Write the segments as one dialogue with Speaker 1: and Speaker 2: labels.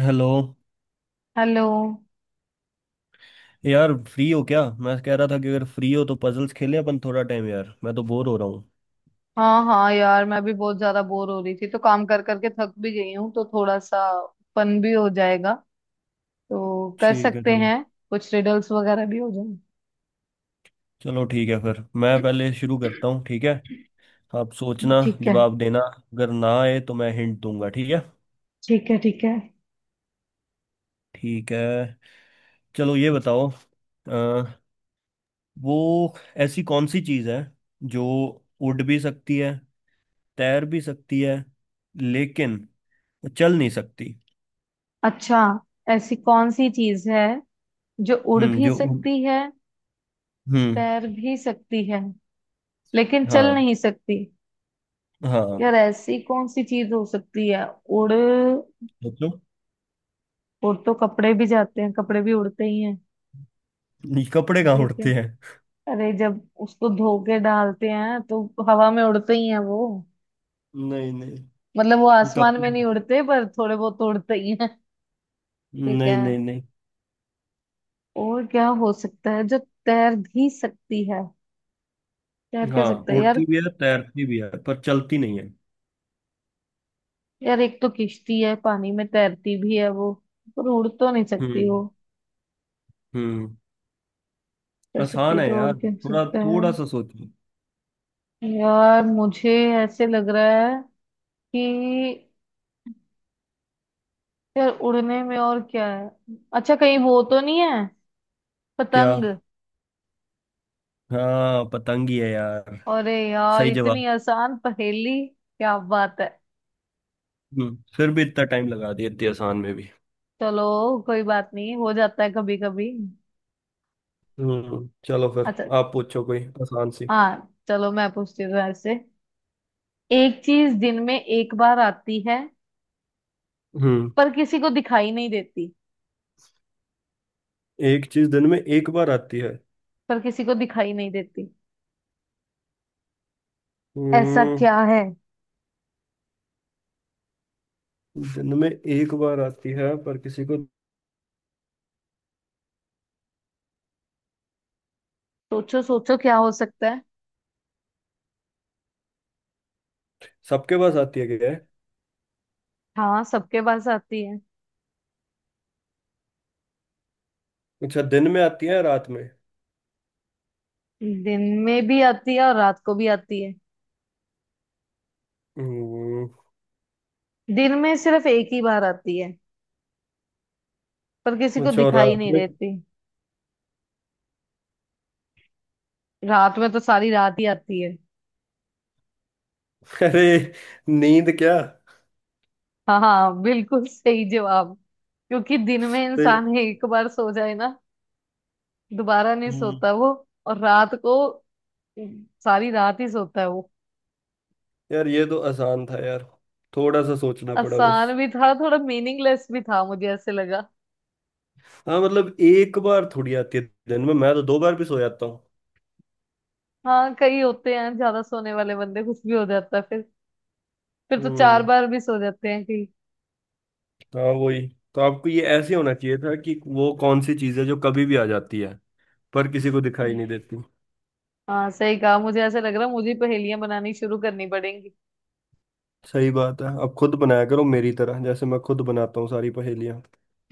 Speaker 1: Hello.
Speaker 2: Hello.
Speaker 1: यार free हो क्या? मैं कह रहा था कि अगर फ्री हो तो पजल्स खेलें अपन थोड़ा टाइम। यार मैं तो बोर हो रहा हूँ।
Speaker 2: हाँ हाँ यार, मैं भी बहुत ज्यादा बोर हो रही थी। तो काम कर करके थक भी गई हूँ, तो थोड़ा सा फन भी हो जाएगा। तो कर
Speaker 1: ठीक है।
Speaker 2: सकते
Speaker 1: चलो।
Speaker 2: हैं। कुछ रिडल्स वगैरह भी हो
Speaker 1: चलो ठीक है, फिर मैं
Speaker 2: जाए।
Speaker 1: पहले शुरू करता हूँ, ठीक है। आप सोचना,
Speaker 2: ठीक है
Speaker 1: जवाब देना। अगर ना आए तो मैं हिंट दूंगा, ठीक है।
Speaker 2: ठीक है ठीक है।
Speaker 1: ठीक है। चलो, ये बताओ। अ, वो ऐसी कौन सी चीज़ है जो उड़ भी सकती है, तैर भी सकती है, लेकिन चल नहीं सकती?
Speaker 2: अच्छा, ऐसी कौन सी चीज है जो उड़
Speaker 1: हम्म।
Speaker 2: भी
Speaker 1: जो उड़
Speaker 2: सकती है,
Speaker 1: हम्म।
Speaker 2: तैर भी सकती है, लेकिन चल
Speaker 1: हाँ,
Speaker 2: नहीं सकती।
Speaker 1: हाँ।
Speaker 2: यार, ऐसी कौन सी चीज हो सकती है। उड़,
Speaker 1: सोचो।
Speaker 2: उड़ तो कपड़े भी जाते हैं, कपड़े भी उड़ते ही हैं।
Speaker 1: नहीं, कपड़े कहाँ
Speaker 2: ठीक है।
Speaker 1: उड़ते हैं?
Speaker 2: अरे, जब उसको धो के डालते हैं तो हवा में उड़ते ही हैं वो।
Speaker 1: नहीं, नहीं।
Speaker 2: मतलब वो आसमान में
Speaker 1: कपड़े?
Speaker 2: नहीं उड़ते, पर थोड़े बहुत तो उड़ते ही हैं। ठीक
Speaker 1: नहीं,
Speaker 2: है।
Speaker 1: नहीं, नहीं।
Speaker 2: और क्या हो सकता है जो तैर भी सकती है। तैर क्या
Speaker 1: हाँ,
Speaker 2: सकता है यार।
Speaker 1: उड़ती भी है, तैरती भी है, पर चलती नहीं है।
Speaker 2: यार, एक तो किश्ती है, पानी में तैरती भी है वो, पर उड़ तो नहीं सकती वो।
Speaker 1: हम्म। हम्म।
Speaker 2: तैर
Speaker 1: आसान
Speaker 2: सकती
Speaker 1: है
Speaker 2: तो और
Speaker 1: यार,
Speaker 2: क्या हो
Speaker 1: थोड़ा
Speaker 2: सकता है।
Speaker 1: थोड़ा सा सोचो।
Speaker 2: यार मुझे ऐसे लग रहा है कि यार उड़ने में और क्या है। अच्छा, कहीं वो तो नहीं है,
Speaker 1: क्या?
Speaker 2: पतंग।
Speaker 1: हाँ, पतंग ही है यार।
Speaker 2: अरे यार,
Speaker 1: सही
Speaker 2: इतनी
Speaker 1: जवाब।
Speaker 2: आसान पहेली, क्या बात है।
Speaker 1: फिर भी इतना टाइम लगा दिया इतनी आसान में भी।
Speaker 2: चलो, कोई बात नहीं, हो जाता है कभी कभी।
Speaker 1: चलो, फिर
Speaker 2: अच्छा,
Speaker 1: आप पूछो कोई आसान सी।
Speaker 2: हाँ चलो मैं पूछती हूँ ऐसे। एक चीज दिन में एक बार आती है,
Speaker 1: हम्म।
Speaker 2: पर किसी को दिखाई नहीं देती।
Speaker 1: एक चीज दिन में एक बार आती है।
Speaker 2: पर किसी को दिखाई नहीं देती। ऐसा
Speaker 1: हम्म।
Speaker 2: क्या है।
Speaker 1: दिन में एक बार आती है पर किसी को।
Speaker 2: सोचो सोचो क्या हो सकता है।
Speaker 1: सबके पास आती है क्या?
Speaker 2: हाँ, सबके पास आती है।
Speaker 1: अच्छा, दिन में आती है या रात में?
Speaker 2: दिन में भी आती है और रात को भी आती है।
Speaker 1: हम्म।
Speaker 2: दिन में सिर्फ एक ही बार आती है, पर किसी को
Speaker 1: अच्छा, और
Speaker 2: दिखाई
Speaker 1: रात
Speaker 2: नहीं
Speaker 1: में?
Speaker 2: देती। रात में तो सारी रात ही आती है।
Speaker 1: अरे, नींद क्या?
Speaker 2: हाँ हाँ, बिल्कुल सही जवाब। क्योंकि दिन में
Speaker 1: अरे!
Speaker 2: इंसान एक बार सो जाए ना, दोबारा नहीं
Speaker 1: हम्म।
Speaker 2: सोता वो। और रात को सारी रात ही सोता है वो।
Speaker 1: यार, ये तो आसान था यार, थोड़ा सा सोचना पड़ा बस।
Speaker 2: आसान भी था, थोड़ा मीनिंगलेस भी था मुझे ऐसे लगा।
Speaker 1: हाँ, मतलब एक बार थोड़ी आती है दिन में, मैं तो दो बार भी सो जाता हूँ।
Speaker 2: हाँ, कई होते हैं ज्यादा सोने वाले बंदे, कुछ भी हो जाता है फिर। फिर तो चार
Speaker 1: हम्म।
Speaker 2: बार भी सो जाते हैं कई।
Speaker 1: हाँ, वही। तो आपको ये ऐसे होना चाहिए था कि वो कौन सी चीज़ है जो कभी भी आ जाती है पर किसी को दिखाई नहीं देती।
Speaker 2: हाँ सही कहा, मुझे ऐसे लग रहा है मुझे पहेलियां बनानी शुरू करनी पड़ेंगी।
Speaker 1: सही बात है, अब खुद बनाया करो मेरी तरह, जैसे मैं खुद बनाता हूँ सारी पहेलियाँ।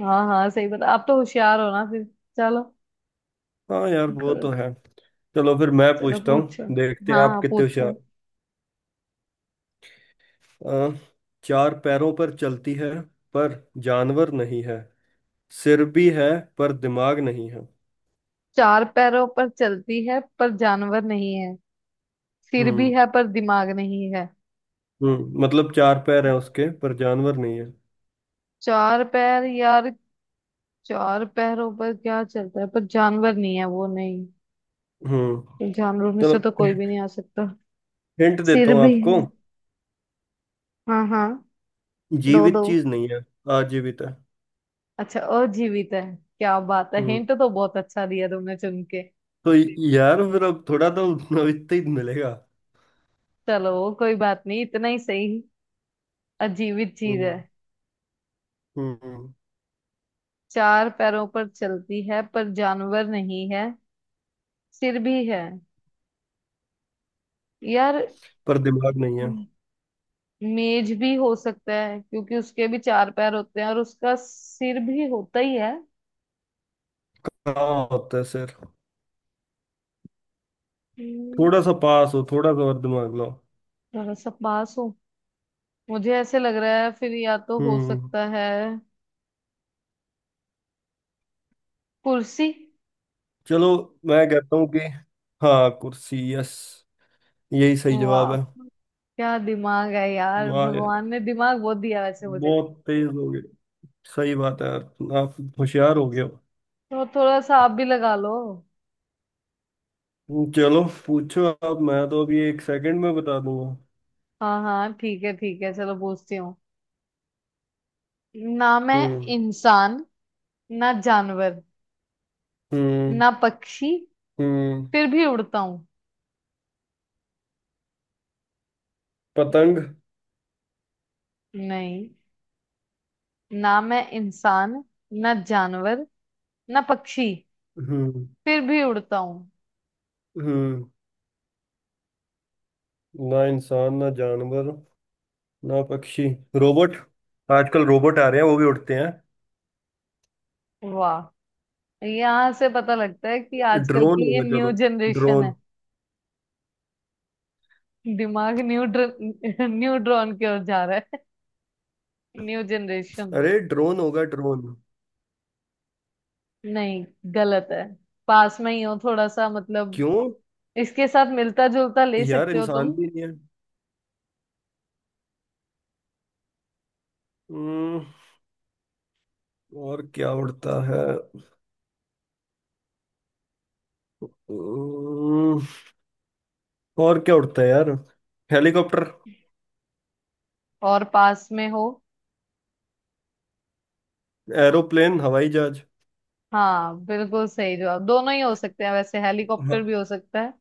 Speaker 2: हाँ हाँ, सही बता, आप तो होशियार हो ना फिर। चलो।
Speaker 1: हाँ यार, वो
Speaker 2: क-
Speaker 1: तो है। चलो फिर मैं
Speaker 2: चलो
Speaker 1: पूछता हूँ,
Speaker 2: पूछो।
Speaker 1: देखते हैं
Speaker 2: हाँ
Speaker 1: आप
Speaker 2: हाँ
Speaker 1: कितने
Speaker 2: पूछो।
Speaker 1: होशियार हो। चार पैरों पर चलती है, पर जानवर नहीं है। सिर भी है, पर दिमाग नहीं है।
Speaker 2: चार पैरों पर चलती है पर जानवर नहीं है। सिर भी
Speaker 1: हम्म।
Speaker 2: है पर दिमाग नहीं है।
Speaker 1: हम्म। मतलब चार पैर हैं उसके, पर जानवर नहीं है।
Speaker 2: चार पैर यार। चार पैरों पर क्या चलता है पर जानवर नहीं है वो, नहीं।
Speaker 1: हम्म।
Speaker 2: तो जानवरों में से
Speaker 1: चलो,
Speaker 2: तो कोई भी नहीं आ सकता।
Speaker 1: हिंट देता
Speaker 2: सिर
Speaker 1: हूँ
Speaker 2: भी
Speaker 1: आपको।
Speaker 2: है। हाँ हाँ। दो दो।
Speaker 1: जीवित चीज नहीं है। आजीवित है।
Speaker 2: अच्छा, और जीवित है। क्या बात है,
Speaker 1: हम्म
Speaker 2: हिंट तो बहुत अच्छा दिया तुमने चुन के।
Speaker 1: तो यार फिर अब थोड़ा तो इतना ही मिलेगा।
Speaker 2: चलो, कोई बात नहीं, इतना ही सही। अजीवित चीज है।
Speaker 1: हम्म। हम्म।
Speaker 2: चार पैरों पर चलती है पर जानवर नहीं है। सिर भी है। यार,
Speaker 1: पर दिमाग नहीं है।
Speaker 2: मेज भी हो सकता है क्योंकि उसके भी चार पैर होते हैं और उसका सिर भी होता ही है।
Speaker 1: हाँ, होता है सिर।
Speaker 2: हम्म,
Speaker 1: थोड़ा सा पास हो, थोड़ा सा और दिमाग लाओ।
Speaker 2: थोड़ा सा पास हो। मुझे ऐसे लग रहा है, फिर या तो हो
Speaker 1: हम्म।
Speaker 2: सकता है, कुर्सी।
Speaker 1: चलो, मैं कहता हूँ कि, हाँ कुर्सी। यस, यही सही जवाब
Speaker 2: वाह,
Speaker 1: है।
Speaker 2: क्या दिमाग है यार,
Speaker 1: वाह यार,
Speaker 2: भगवान ने दिमाग बहुत दिया वैसे मुझे।
Speaker 1: बहुत तेज हो गए। सही बात है यार, आप होशियार हो गए हो।
Speaker 2: तो थोड़ा सा आप भी लगा लो।
Speaker 1: चलो पूछो आप, मैं तो अभी एक सेकंड में बता दूंगा।
Speaker 2: हाँ हाँ ठीक है ठीक है, चलो पूछती हूँ। ना मैं
Speaker 1: हम्म।
Speaker 2: इंसान, ना जानवर,
Speaker 1: हम्म।
Speaker 2: ना पक्षी,
Speaker 1: हम्म।
Speaker 2: फिर भी उड़ता हूँ।
Speaker 1: पतंग?
Speaker 2: नहीं। ना मैं इंसान, ना जानवर, ना पक्षी,
Speaker 1: हम्म।
Speaker 2: फिर भी उड़ता हूँ।
Speaker 1: हम्म। ना इंसान, ना जानवर, ना पक्षी। रोबोट? आजकल रोबोट आ रहे हैं, वो भी उड़ते हैं।
Speaker 2: वाह, यहाँ से पता लगता है कि आजकल
Speaker 1: ड्रोन
Speaker 2: की ये
Speaker 1: होगा। चलो,
Speaker 2: न्यू जनरेशन है।
Speaker 1: ड्रोन।
Speaker 2: दिमाग न्यू ड्रॉन की ओर जा रहा है। New generation.
Speaker 1: अरे, ड्रोन होगा ड्रोन।
Speaker 2: नहीं, गलत है। पास में ही हो थोड़ा सा, मतलब
Speaker 1: क्यों?
Speaker 2: इसके साथ मिलता जुलता ले
Speaker 1: यार,
Speaker 2: सकते हो
Speaker 1: इंसान
Speaker 2: तुम।
Speaker 1: भी नहीं है। हम्म। और क्या उड़ता है? हम्म। और क्या उड़ता है यार? हेलीकॉप्टर?
Speaker 2: और पास में हो।
Speaker 1: एरोप्लेन, हवाई जहाज?
Speaker 2: हाँ, बिल्कुल सही जवाब, दोनों ही हो सकते हैं वैसे, हेलीकॉप्टर
Speaker 1: हाँ।
Speaker 2: भी हो सकता है,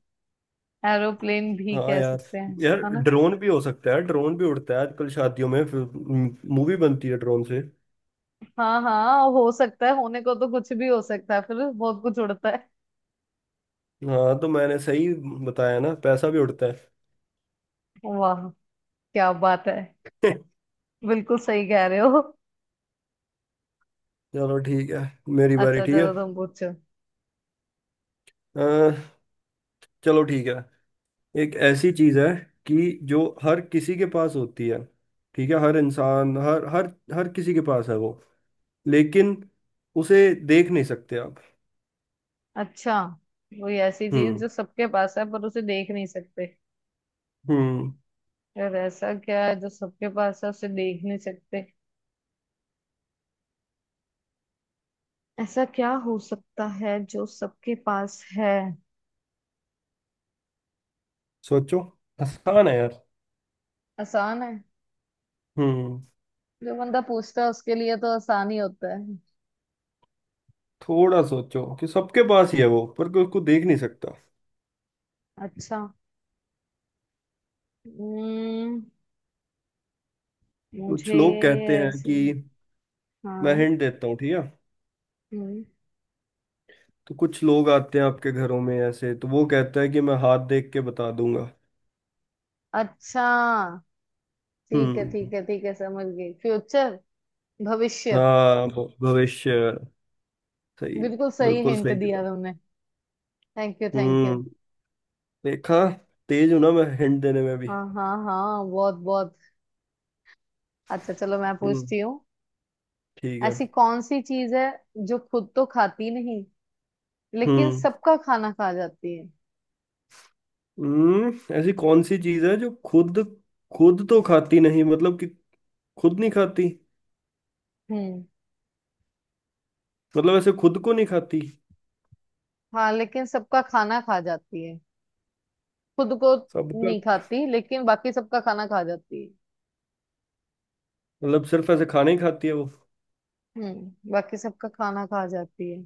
Speaker 2: एरोप्लेन भी
Speaker 1: हाँ
Speaker 2: कह
Speaker 1: यार।
Speaker 2: सकते हैं।
Speaker 1: यार,
Speaker 2: है ना।
Speaker 1: ड्रोन भी हो सकता है, ड्रोन भी उड़ता है आजकल शादियों में। मूवी बनती है ड्रोन से।
Speaker 2: हाँ हाँ, हो सकता है, होने को तो कुछ भी हो सकता है, फिर बहुत कुछ उड़ता है।
Speaker 1: हाँ तो मैंने सही बताया ना, पैसा भी उड़ता है।
Speaker 2: वाह, क्या बात है, बिल्कुल सही कह रहे हो।
Speaker 1: चलो ठीक है, मेरी बारी।
Speaker 2: अच्छा
Speaker 1: ठीक है।
Speaker 2: चलो, तुम पूछो।
Speaker 1: अ, चलो ठीक है, एक ऐसी चीज है कि जो हर किसी के पास होती है, ठीक है, हर इंसान, हर हर हर किसी के पास है वो, लेकिन उसे देख नहीं सकते आप।
Speaker 2: अच्छा, कोई ऐसी चीज
Speaker 1: हम्म।
Speaker 2: जो सबके पास है पर उसे देख नहीं सकते।
Speaker 1: हम्म।
Speaker 2: यार, ऐसा क्या है जो सबके पास है उसे देख नहीं सकते। ऐसा क्या हो सकता है जो सबके पास है।
Speaker 1: सोचो, आसान है यार।
Speaker 2: आसान है।
Speaker 1: हम्म
Speaker 2: जो बंदा पूछता है उसके लिए तो आसान ही होता है।
Speaker 1: थोड़ा सोचो कि सबके पास ही है वो, पर कोई उसको देख नहीं सकता।
Speaker 2: अच्छा। हम्म।
Speaker 1: कुछ
Speaker 2: मुझे
Speaker 1: लोग कहते हैं
Speaker 2: ऐसे।
Speaker 1: कि, मैं
Speaker 2: हाँ।
Speaker 1: हिंट देता हूँ, ठीक है।
Speaker 2: हम्म।
Speaker 1: तो कुछ लोग आते हैं आपके घरों में ऐसे, तो वो कहता है कि मैं हाथ देख के बता दूंगा।
Speaker 2: अच्छा, ठीक है
Speaker 1: हम्म।
Speaker 2: ठीक है ठीक है, समझ गई, फ्यूचर, भविष्य।
Speaker 1: हाँ, भविष्य। सही।
Speaker 2: बिल्कुल सही
Speaker 1: बिल्कुल
Speaker 2: हिंट
Speaker 1: सही
Speaker 2: दिया
Speaker 1: जवाब।
Speaker 2: तुमने। Thank you thank you.
Speaker 1: हम्म देखा, तेज हूं ना मैं हिंट देने में भी।
Speaker 2: हाँ हाँ हाँ, बहुत बहुत। अच्छा चलो, मैं
Speaker 1: हम्म,
Speaker 2: पूछती हूँ।
Speaker 1: ठीक है।
Speaker 2: ऐसी कौन सी चीज है जो खुद तो खाती नहीं लेकिन
Speaker 1: हम्म।
Speaker 2: सबका खाना खा जाती है।
Speaker 1: हम्म। ऐसी कौन सी चीज है जो खुद खुद तो खाती नहीं, मतलब कि खुद नहीं खाती?
Speaker 2: हम्म।
Speaker 1: मतलब ऐसे खुद को नहीं खाती?
Speaker 2: हाँ, लेकिन सबका खाना खा जाती है। खुद को नहीं
Speaker 1: सबका?
Speaker 2: खाती लेकिन बाकी सबका खाना खा जाती है।
Speaker 1: मतलब सिर्फ ऐसे खाना ही खाती है वो?
Speaker 2: हम्म, बाकी सबका खाना खा जाती है।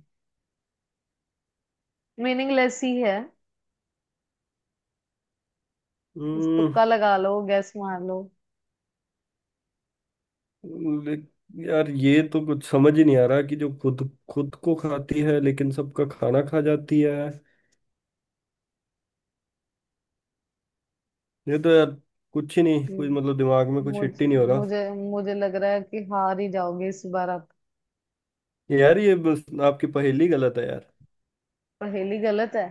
Speaker 2: मीनिंगलेस ही है। इस,
Speaker 1: हम्म।
Speaker 2: तुक्का लगा लो, गैस मार लो।
Speaker 1: ले- यार, ये तो कुछ समझ ही नहीं आ रहा कि जो खुद खुद को खाती है लेकिन सबका खाना खा जाती है। ये तो यार कुछ ही नहीं, कुछ मतलब
Speaker 2: हम्म,
Speaker 1: दिमाग में कुछ हिट ही
Speaker 2: मुझे
Speaker 1: नहीं हो रहा।
Speaker 2: मुझे मुझे लग रहा है कि हार ही जाओगे इस बार आप।
Speaker 1: यार ये बस आपकी पहेली गलत है यार।
Speaker 2: पहेली गलत है।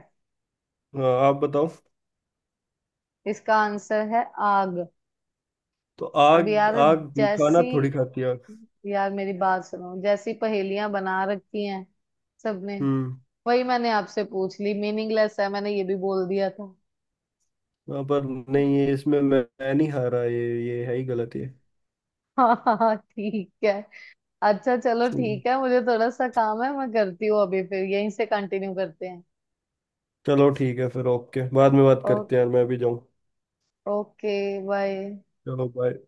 Speaker 1: हाँ, आप बताओ।
Speaker 2: इसका आंसर है आग।
Speaker 1: तो
Speaker 2: अब
Speaker 1: आग?
Speaker 2: यार,
Speaker 1: आग
Speaker 2: जैसी,
Speaker 1: खाना थोड़ी खाती है आग।
Speaker 2: यार मेरी बात सुनो, जैसी पहेलियां बना रखी हैं सबने,
Speaker 1: हम्म।
Speaker 2: वही मैंने आपसे पूछ ली, मीनिंगलेस है, मैंने ये भी बोल दिया था।
Speaker 1: हाँ, पर नहीं, ये इसमें मैं नहीं हारा, ये है ही गलत ये।
Speaker 2: हाँ हाँ हाँ, ठीक है। अच्छा चलो
Speaker 1: हम्म,
Speaker 2: ठीक है, मुझे थोड़ा सा काम है, मैं करती हूँ अभी, फिर यहीं से कंटिन्यू करते हैं।
Speaker 1: चलो ठीक है फिर, ओके, बाद में बात
Speaker 2: ओ,
Speaker 1: करते हैं यार, मैं भी जाऊँ।
Speaker 2: Okay, bye.
Speaker 1: चलो, बाय।